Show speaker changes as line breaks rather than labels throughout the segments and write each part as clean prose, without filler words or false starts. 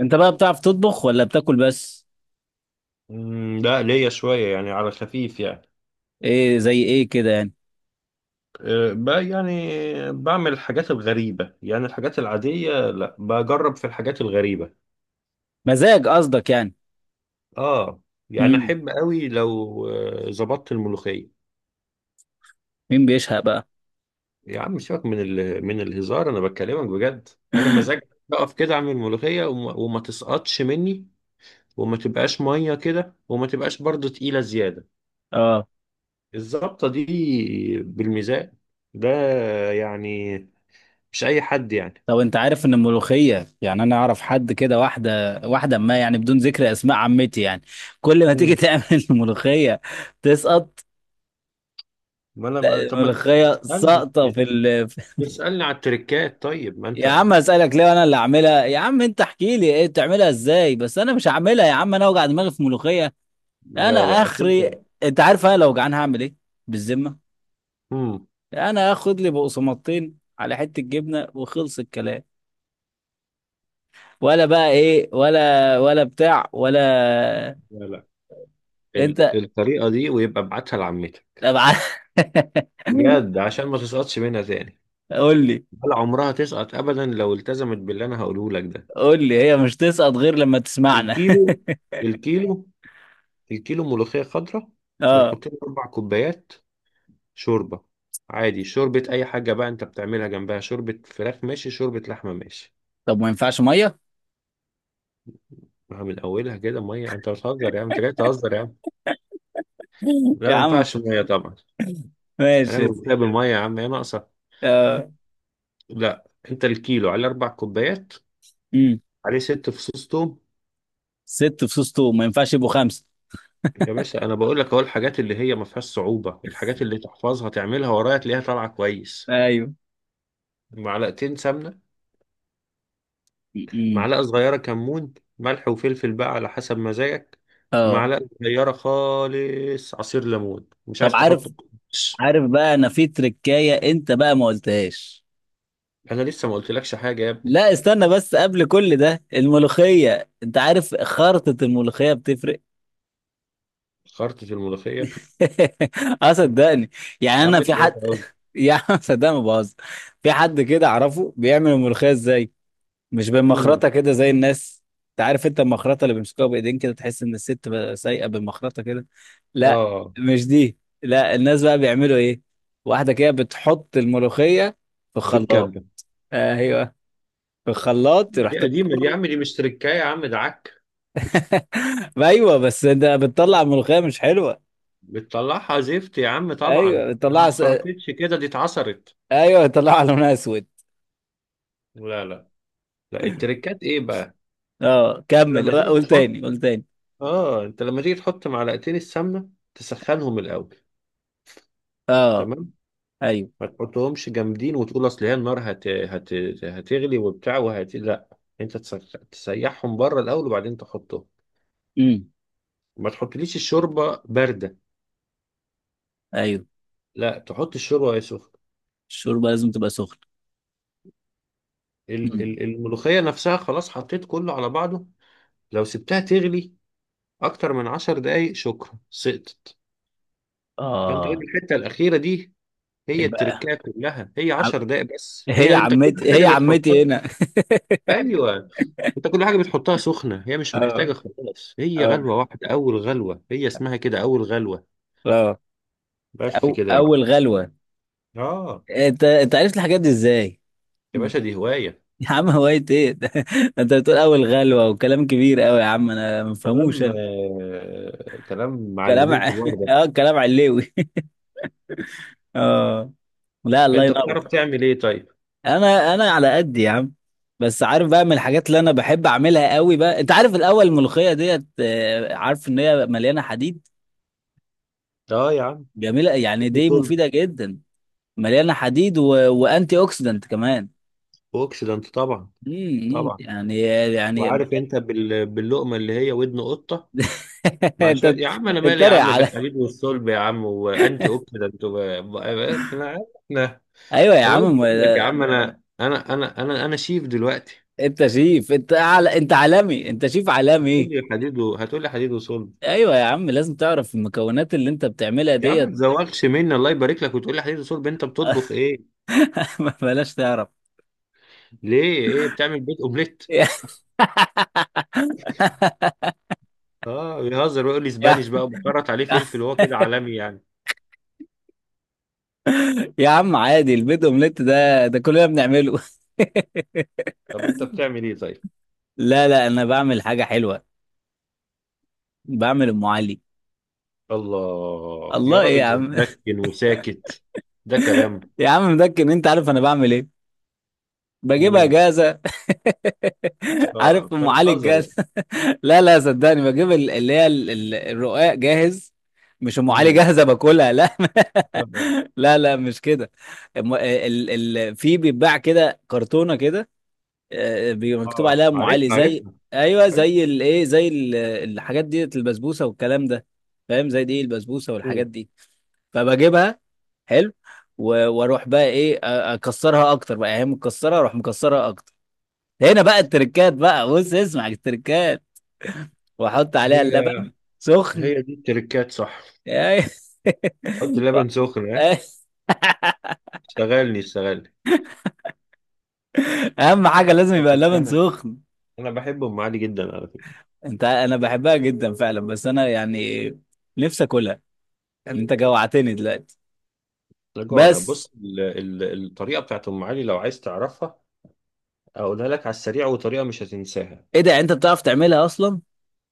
انت بقى بتعرف تطبخ ولا بتاكل بس؟
مم، لا ليا شوية يعني على خفيف يعني.
ايه، زي ايه كده يعني؟
أه، بقى يعني. بعمل الحاجات الغريبة يعني، الحاجات العادية لا، بجرب في الحاجات الغريبة.
مزاج قصدك يعني؟
اه، يعني
مم.
أحب قوي لو ظبطت الملوخية.
مين بيشهق بقى؟
يا عم سيبك من من الهزار، أنا بكلمك بجد. أنا مزاج أقف كده أعمل ملوخية وما تسقطش مني، وما تبقاش مية كده، وما تبقاش برضو تقيلة زيادة.
اه.
الظبطة دي بالميزان ده يعني، مش أي حد يعني.
طب انت عارف ان الملوخيه، يعني انا اعرف حد كده واحده واحده، ما يعني بدون ذكر اسماء، عمتي يعني، كل ما تيجي تعمل الملوخيه تسقط.
ما انا ما- طب ما تس-
الملوخيه
تسالني.
ساقطه في
تسالني على التريكات، طيب ما
يا
انت.
عم اسالك ليه؟ انا اللي اعملها يا عم؟ انت احكي لي ايه بتعملها ازاي بس، انا مش هعملها يا عم، انا اوجع دماغي في ملوخيه. انا
لا لا، اصل
اخري.
انت.
انت عارف انا لو جعان هعمل ايه؟ بالذمه.
امم
انا اخد لي بقسماطتين على حته جبنه وخلص الكلام، ولا بقى ايه؟ ولا ولا بتاع ولا.
لا لا،
انت.
الطريقه دي ويبقى ابعتها لعمتك،
طب ع-
بجد، عشان ما تسقطش منها تاني.
قول لي،
ولا عمرها تسقط ابدا لو التزمت باللي انا هقوله لك ده.
قول لي. هي مش تسقط غير لما تسمعنا.
الكيلو الكيلو الكيلو ملوخيه خضراء
اه.
بنحط له اربع كوبايات شوربه. عادي شوربه اي حاجه، بقى انت بتعملها جنبها شوربه فراخ، ماشي، شوربه لحمه، ماشي.
طب ما ينفعش ميه؟
مع من اولها كده ميه؟ انت بتهزر يا عم، انت جاي تهزر يا عم. لا،
يا
ما
عم
ينفعش ميه طبعا. هنعمل
ماشي.
كوبايه بالميه؟ يا عم ايه ناقصه؟
اه.
لا، انت الكيلو على اربع كوبايات،
امم.
عليه ست فصوص توم.
ست فصوص توم ما ينفعش يبقوا خمسه؟
يا باشا، انا بقول لك اهو الحاجات اللي هي ما فيهاش صعوبه، الحاجات اللي تحفظها تعملها ورايا تلاقيها طالعه كويس.
ايوه.
معلقتين سمنه،
امم.
معلقه صغيره كمون، ملح وفلفل بقى على حسب مزاجك،
اه.
معلقه صغيره خالص عصير ليمون، مش
طب
عايز
عارف؟
تحط بس.
عارف بقى انا في تركايه انت بقى ما قلتهاش.
انا لسه ما قلتلكش حاجه يا ابني.
لا استنى بس، قبل كل ده الملوخية انت عارف خرطة الملوخية بتفرق.
خرطة الملوخيه،
اه صدقني. يعني
يا
انا
عم
في
انت بقى
حد
خلاص.
يا عم صدقني ما بهزر. في حد كده اعرفه بيعمل الملوخية ازاي، مش
مم.
بالمخرطة كده زي الناس. انت عارف، انت المخرطة اللي بيمسكوها بايدين كده، تحس ان الست بقى سايقة بالمخرطة كده. لا،
اه،
مش دي. لا، الناس بقى بيعملوا ايه؟ واحدة كده بتحط الملوخية في
في
الخلاط.
الكبة.
ايوه، في الخلاط
دي
رحت.
قديمة، دي يا عم دي مش تركاية يا عم، ده عك.
ما ايوه، بس انت بتطلع ملوخيه مش حلوه.
بتطلعها زفت يا عم طبعا،
ايوه
ده ما
بتطلع
اتخرطتش كده، دي اتعصرت.
ايوه بتطلع لونها اسود.
لا لا لا، التركات ايه بقى.
اه كمل،
لما تيجي
قول
تحط
تاني، قول تاني.
اه انت لما تيجي تحط معلقتين السمنة، تسخنهم الأول.
اه.
تمام.
ايوه.
ما تحطهمش جامدين وتقول اصل هي النار هتغلي وبتاع وهت لا. انت تسيحهم بره الأول وبعدين تحطهم.
امم.
ما تحطليش الشوربة باردة،
ايوه،
لا تحط الشوربة وهي سخنة.
الشوربه لازم تبقى سخنه. امم.
الملوخية نفسها خلاص، حطيت كله على بعضه. لو سبتها تغلي أكتر من عشر دقايق، شكرا، سقطت. فأنت هي
اه.
الحتة الأخيرة دي، هي
يبقى
التركاية كلها، هي
عم...
عشر دقايق بس، هي
هي
أنت كل
عمتي،
حاجة
هي عمتي
بتحطها.
هنا.
أيوه. أنت كل حاجة بتحطها سخنة هي مش
اه.
محتاجة خلاص، هي
اه.
غلوة واحدة، أول غلوة هي اسمها كده، أول غلوة.
اه.
بس كده يا معلم.
اول غلوه.
آه.
انت، انت عرفت الحاجات دي ازاي؟
يا
مم.
باشا دي هواية.
يا عم هوايه ايه ده؟ انت بتقول اول غلوه وكلام كبير قوي، يا عم انا ما بفهموش
كلام،
أنا.
كلام
كلام
معلمين
ع-
كبار ده.
اه كلام علوي. اه. لا الله
أنت
ينور.
بتعرف تعمل إيه طيب؟
انا انا على قد يا عم، بس عارف بقى من الحاجات اللي انا بحب اعملها قوي بقى، انت عارف، الاول الملوخيه ديت، عارف ان هي مليانه حديد.
آه يا عم،
جميله يعني،
ادي
دي
طول.
مفيده جدا. مليانه حديد وانتي اوكسيدنت كمان.
بوكس ده أنت طبعا. طبعا.
يعني. يعني.
وعارف انت باللقمه اللي هي ودن قطه؟ مع شويه
انت
يا عم، انا مالي يا
بتتريق
عم
على؟
بالحديد والصلب يا عم وانتي اوكسيدنت انا عارف احنا.
ايوه يا
الله
عم
يقول لك يا عم، انا شيف دلوقتي.
انت شيف، انت على، انت عالمي، انت شيف عالمي.
هتقول لي حديد وصلب؟
ايوه يا عم، لازم تعرف المكونات اللي انت بتعملها
يا عم ما
ديت.
تزوقش مني، الله يبارك لك، وتقول لي حديد وصلب؟ انت بتطبخ ايه؟
بلاش تعرف.
ليه ايه بتعمل؟ بيت اومليت؟ اه، بيهزر ويقول لي
يا
اسبانيش بقى، وبكرت عليه فلفل وهو كده عالمي يعني.
يا عم عادي، البيض اومليت ده، ده كلنا بنعمله.
طب انت بتعمل ايه طيب؟
لا لا، انا بعمل حاجه حلوه، بعمل ام علي.
الله يا
الله ايه يا
راجل،
عم؟
مسكن وساكت، ده كلام.
يا عم مدكن، انت عارف انا بعمل ايه؟ بجيبها
امم.
جاهزه.
اه،
عارف
انت
ام علي
بتهزر يعني.
الجاهزه؟ لا لا صدقني، بجيب اللي هي الرقاق جاهز. مش ام علي
امم.
جاهزه باكلها لا.
اه.
لا لا مش كده. ال ال في، بيتباع كده كرتونه كده، بيبقى مكتوب
آه.
عليها ام علي
عرفنا،
زي،
عرفنا،
ايوه
عرفنا.
زي الايه، زي الحاجات دي، البسبوسه والكلام ده، فاهم؟ زي دي، البسبوسه والحاجات
مم.
دي، فبجيبها. حلو. واروح بقى ايه، اكسرها اكتر بقى، يعني هي مكسره اروح مكسرها اكتر. هنا بقى التركات، بقى بص اسمع التركات. واحط عليها
هي
اللبن سخن.
هي دي التركات صح؟
أي-
حط لبن سخن، ها. اشتغلني اشتغلني.
اهم حاجه لازم يبقى
بس
اللبن
انا
سخن.
انا بحب ام علي جدا على فكره.
انت، انا بحبها جدا فعلا، بس انا يعني نفسي اكلها، يعني انت جوعتني دلوقتي،
احنا جوعنا،
بس.
بص، الطريقه بتاعت ام علي، لو عايز تعرفها اقولها لك على السريع، وطريقه مش هتنساها.
ايه ده، يعني انت بتعرف تعملها اصلا؟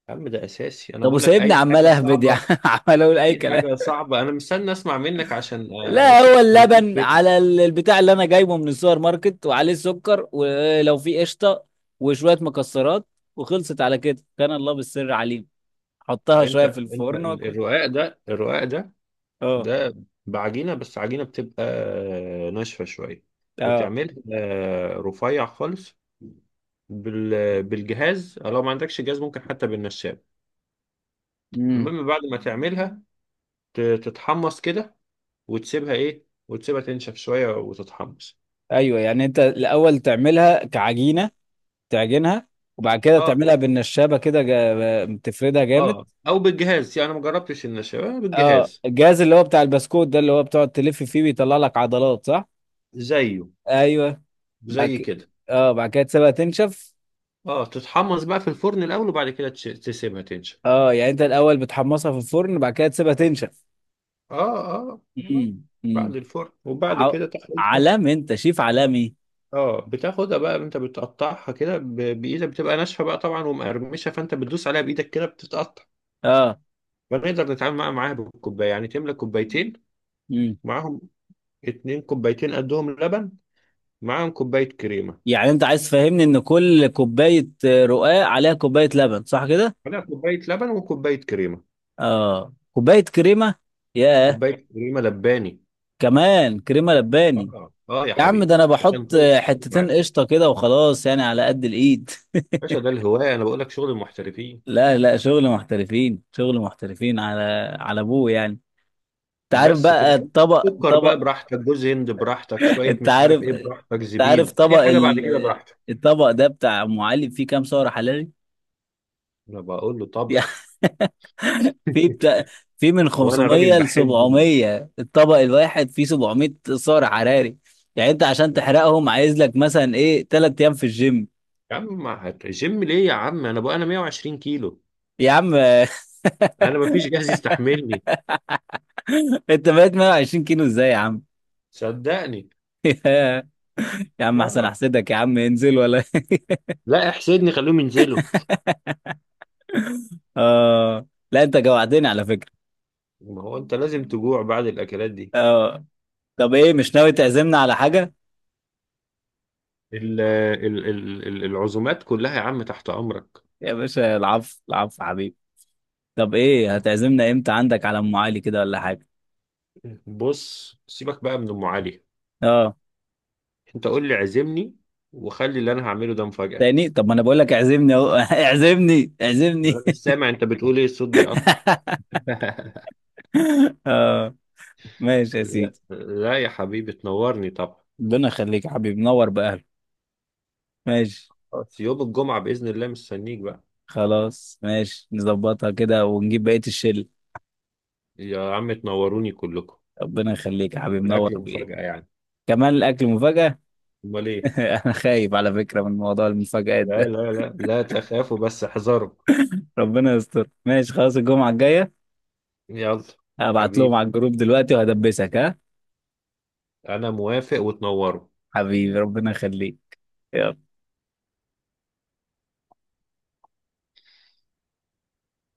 يا عم ده اساسي، انا
طب
بقول لك
وسايبني
اي
عمال
حاجه
اهبد يعني
صعبه.
عمال اقول اي
اي
كلام.
حاجه صعبه، انا مستني اسمع منك عشان
لا
اشوف
هو
التركات
اللبن
فين.
على البتاع اللي انا جايبه من السوبر ماركت، وعليه السكر، ولو في قشطه وشويه مكسرات، وخلصت. على كده كان الله بالسر عليم، حطها شويه في
انت انت
الفرن واكل.
الرقاق ده
اه.
ده بعجينة، بس عجينة بتبقى ناشفة شوية،
اه.
وتعملها رفيع خالص بالجهاز، لو ما عندكش جهاز ممكن حتى بالنشاب.
امم.
المهم بعد ما تعملها تتحمص كده، وتسيبها تنشف شوية وتتحمص.
ايوه، يعني انت الاول تعملها كعجينه، تعجنها وبعد كده
اه
تعملها بالنشابه كده، تفردها جامد.
اه، او بالجهاز يعني، انا ما جربتش النشاب،
اه،
بالجهاز.
الجهاز اللي هو بتاع البسكوت ده، اللي هو بتقعد تلف فيه بيطلع لك عضلات، صح؟
زيه،
ايوه. بعد
زي
كده،
كده.
اه بعد كده تسيبها تنشف.
اه، تتحمص بقى في الفرن الاول، وبعد كده تسيبها تنشف.
اه، يعني انت الاول بتحمصها في الفرن، بعد كده تسيبها
اه،
تنشف.
اه, آه.
امم. امم.
بعد الفرن وبعد
ع...
كده تحليل.
علام، انت شيف عالمي.
اه، بتاخدها بقى انت بتقطعها كده بايدك، بتبقى ناشفه بقى طبعا ومقرمشه، فانت بتدوس عليها بايدك كده بتتقطع.
اه.
فنقدر نتعامل معاها بالكوبايه، يعني تملى كوبايتين
امم.
معاهم، اتنين كوبايتين قدهم لبن، معاهم كوبايه كريمه.
يعني انت عايز تفهمني ان كل كوبايه رقاق عليها كوبايه لبن، صح كده؟
ولا كوبايه لبن وكوبايه كريمه،
اه كوبايه كريمه. ياه،
كوبايه كريمه لباني.
كمان كريمه لباني.
اه، اه، يا
يا عم ده
حبيبي
انا
عشان
بحط
تظبط
حتتين
معاك.
قشطه كده وخلاص، يعني على قد الايد.
يا باشا ده الهوايه، انا بقول لك شغل المحترفين.
لا لا، شغل محترفين، شغل محترفين على على ابوه يعني. انت عارف
بس كده،
بقى الطبق
سكر بقى
طبق.
براحتك، جوز هند براحتك، شويه
انت
مش عارف
عارف،
ايه براحتك،
انت عارف
زبيب،
طبق
اي حاجه بعد كده براحتك.
الطبق ده بتاع ام علي فيه كام سعر حراري؟
انا بقول له
يعني
طبخ.
في بتاع، في من
هو انا راجل
500 ل
بحب
700، الطبق الواحد فيه 700 سعر حراري، يعني انت عشان تحرقهم عايز لك مثلا ايه، 3 ايام في الجيم.
يا عم ما هت- جيم ليه يا عم؟ انا بقى انا 120 كيلو،
يا عم
انا ما فيش جهاز يستحملني
انت بقيت 120 كيلو ازاي يا عم؟
صدقني.
يا عم احسن،
آه.
احسدك يا عم انزل، ولا
لا احسدني، خليهم ينزلوا.
اه، لا انت جوعتني على فكرة.
ما هو انت لازم تجوع بعد الاكلات دي.
اه. طب ايه، مش ناوي تعزمنا على حاجة؟
العزومات كلها يا عم تحت امرك.
يا باشا العفو العفو حبيبي. طب ايه، هتعزمنا امتى عندك على ام علي كده ولا حاجة؟
بص سيبك بقى من ام علي،
اه.
انت قول لي عزمني، وخلي اللي انا هعمله ده مفاجأة.
تاني؟ طب ما انا بقول لك اعزمني اهو اعزمني
ما
اعزمني.
انا مش سامع، انت بتقول ايه، الصوت بيقطع.
اه. ماشي يا
لا
سيدي.
لا، يا حبيبي تنورني طبعا.
ربنا يخليك يا حبيبي، نور باهلك. ماشي.
خلاص، يوم الجمعة بإذن الله مستنيك بقى.
خلاص ماشي، نظبطها كده ونجيب بقية الشل.
يا عم تنوروني كلكم.
ربنا يخليك يا حبيبي
والأكل
نور بايه.
مفاجأة يعني.
كمان الاكل مفاجأة.
أمال إيه؟
انا خايف على فكرة من موضوع المفاجآت
لا
ده.
لا لا، لا تخافوا بس احذروا.
ربنا يستر، ماشي خلاص الجمعة الجاية.
يلا.
هبعت لهم
حبيبي،
على الجروب دلوقتي وهدبسك ها.
أنا موافق وتنوروا.
حبيبي ربنا يخليك. يلا.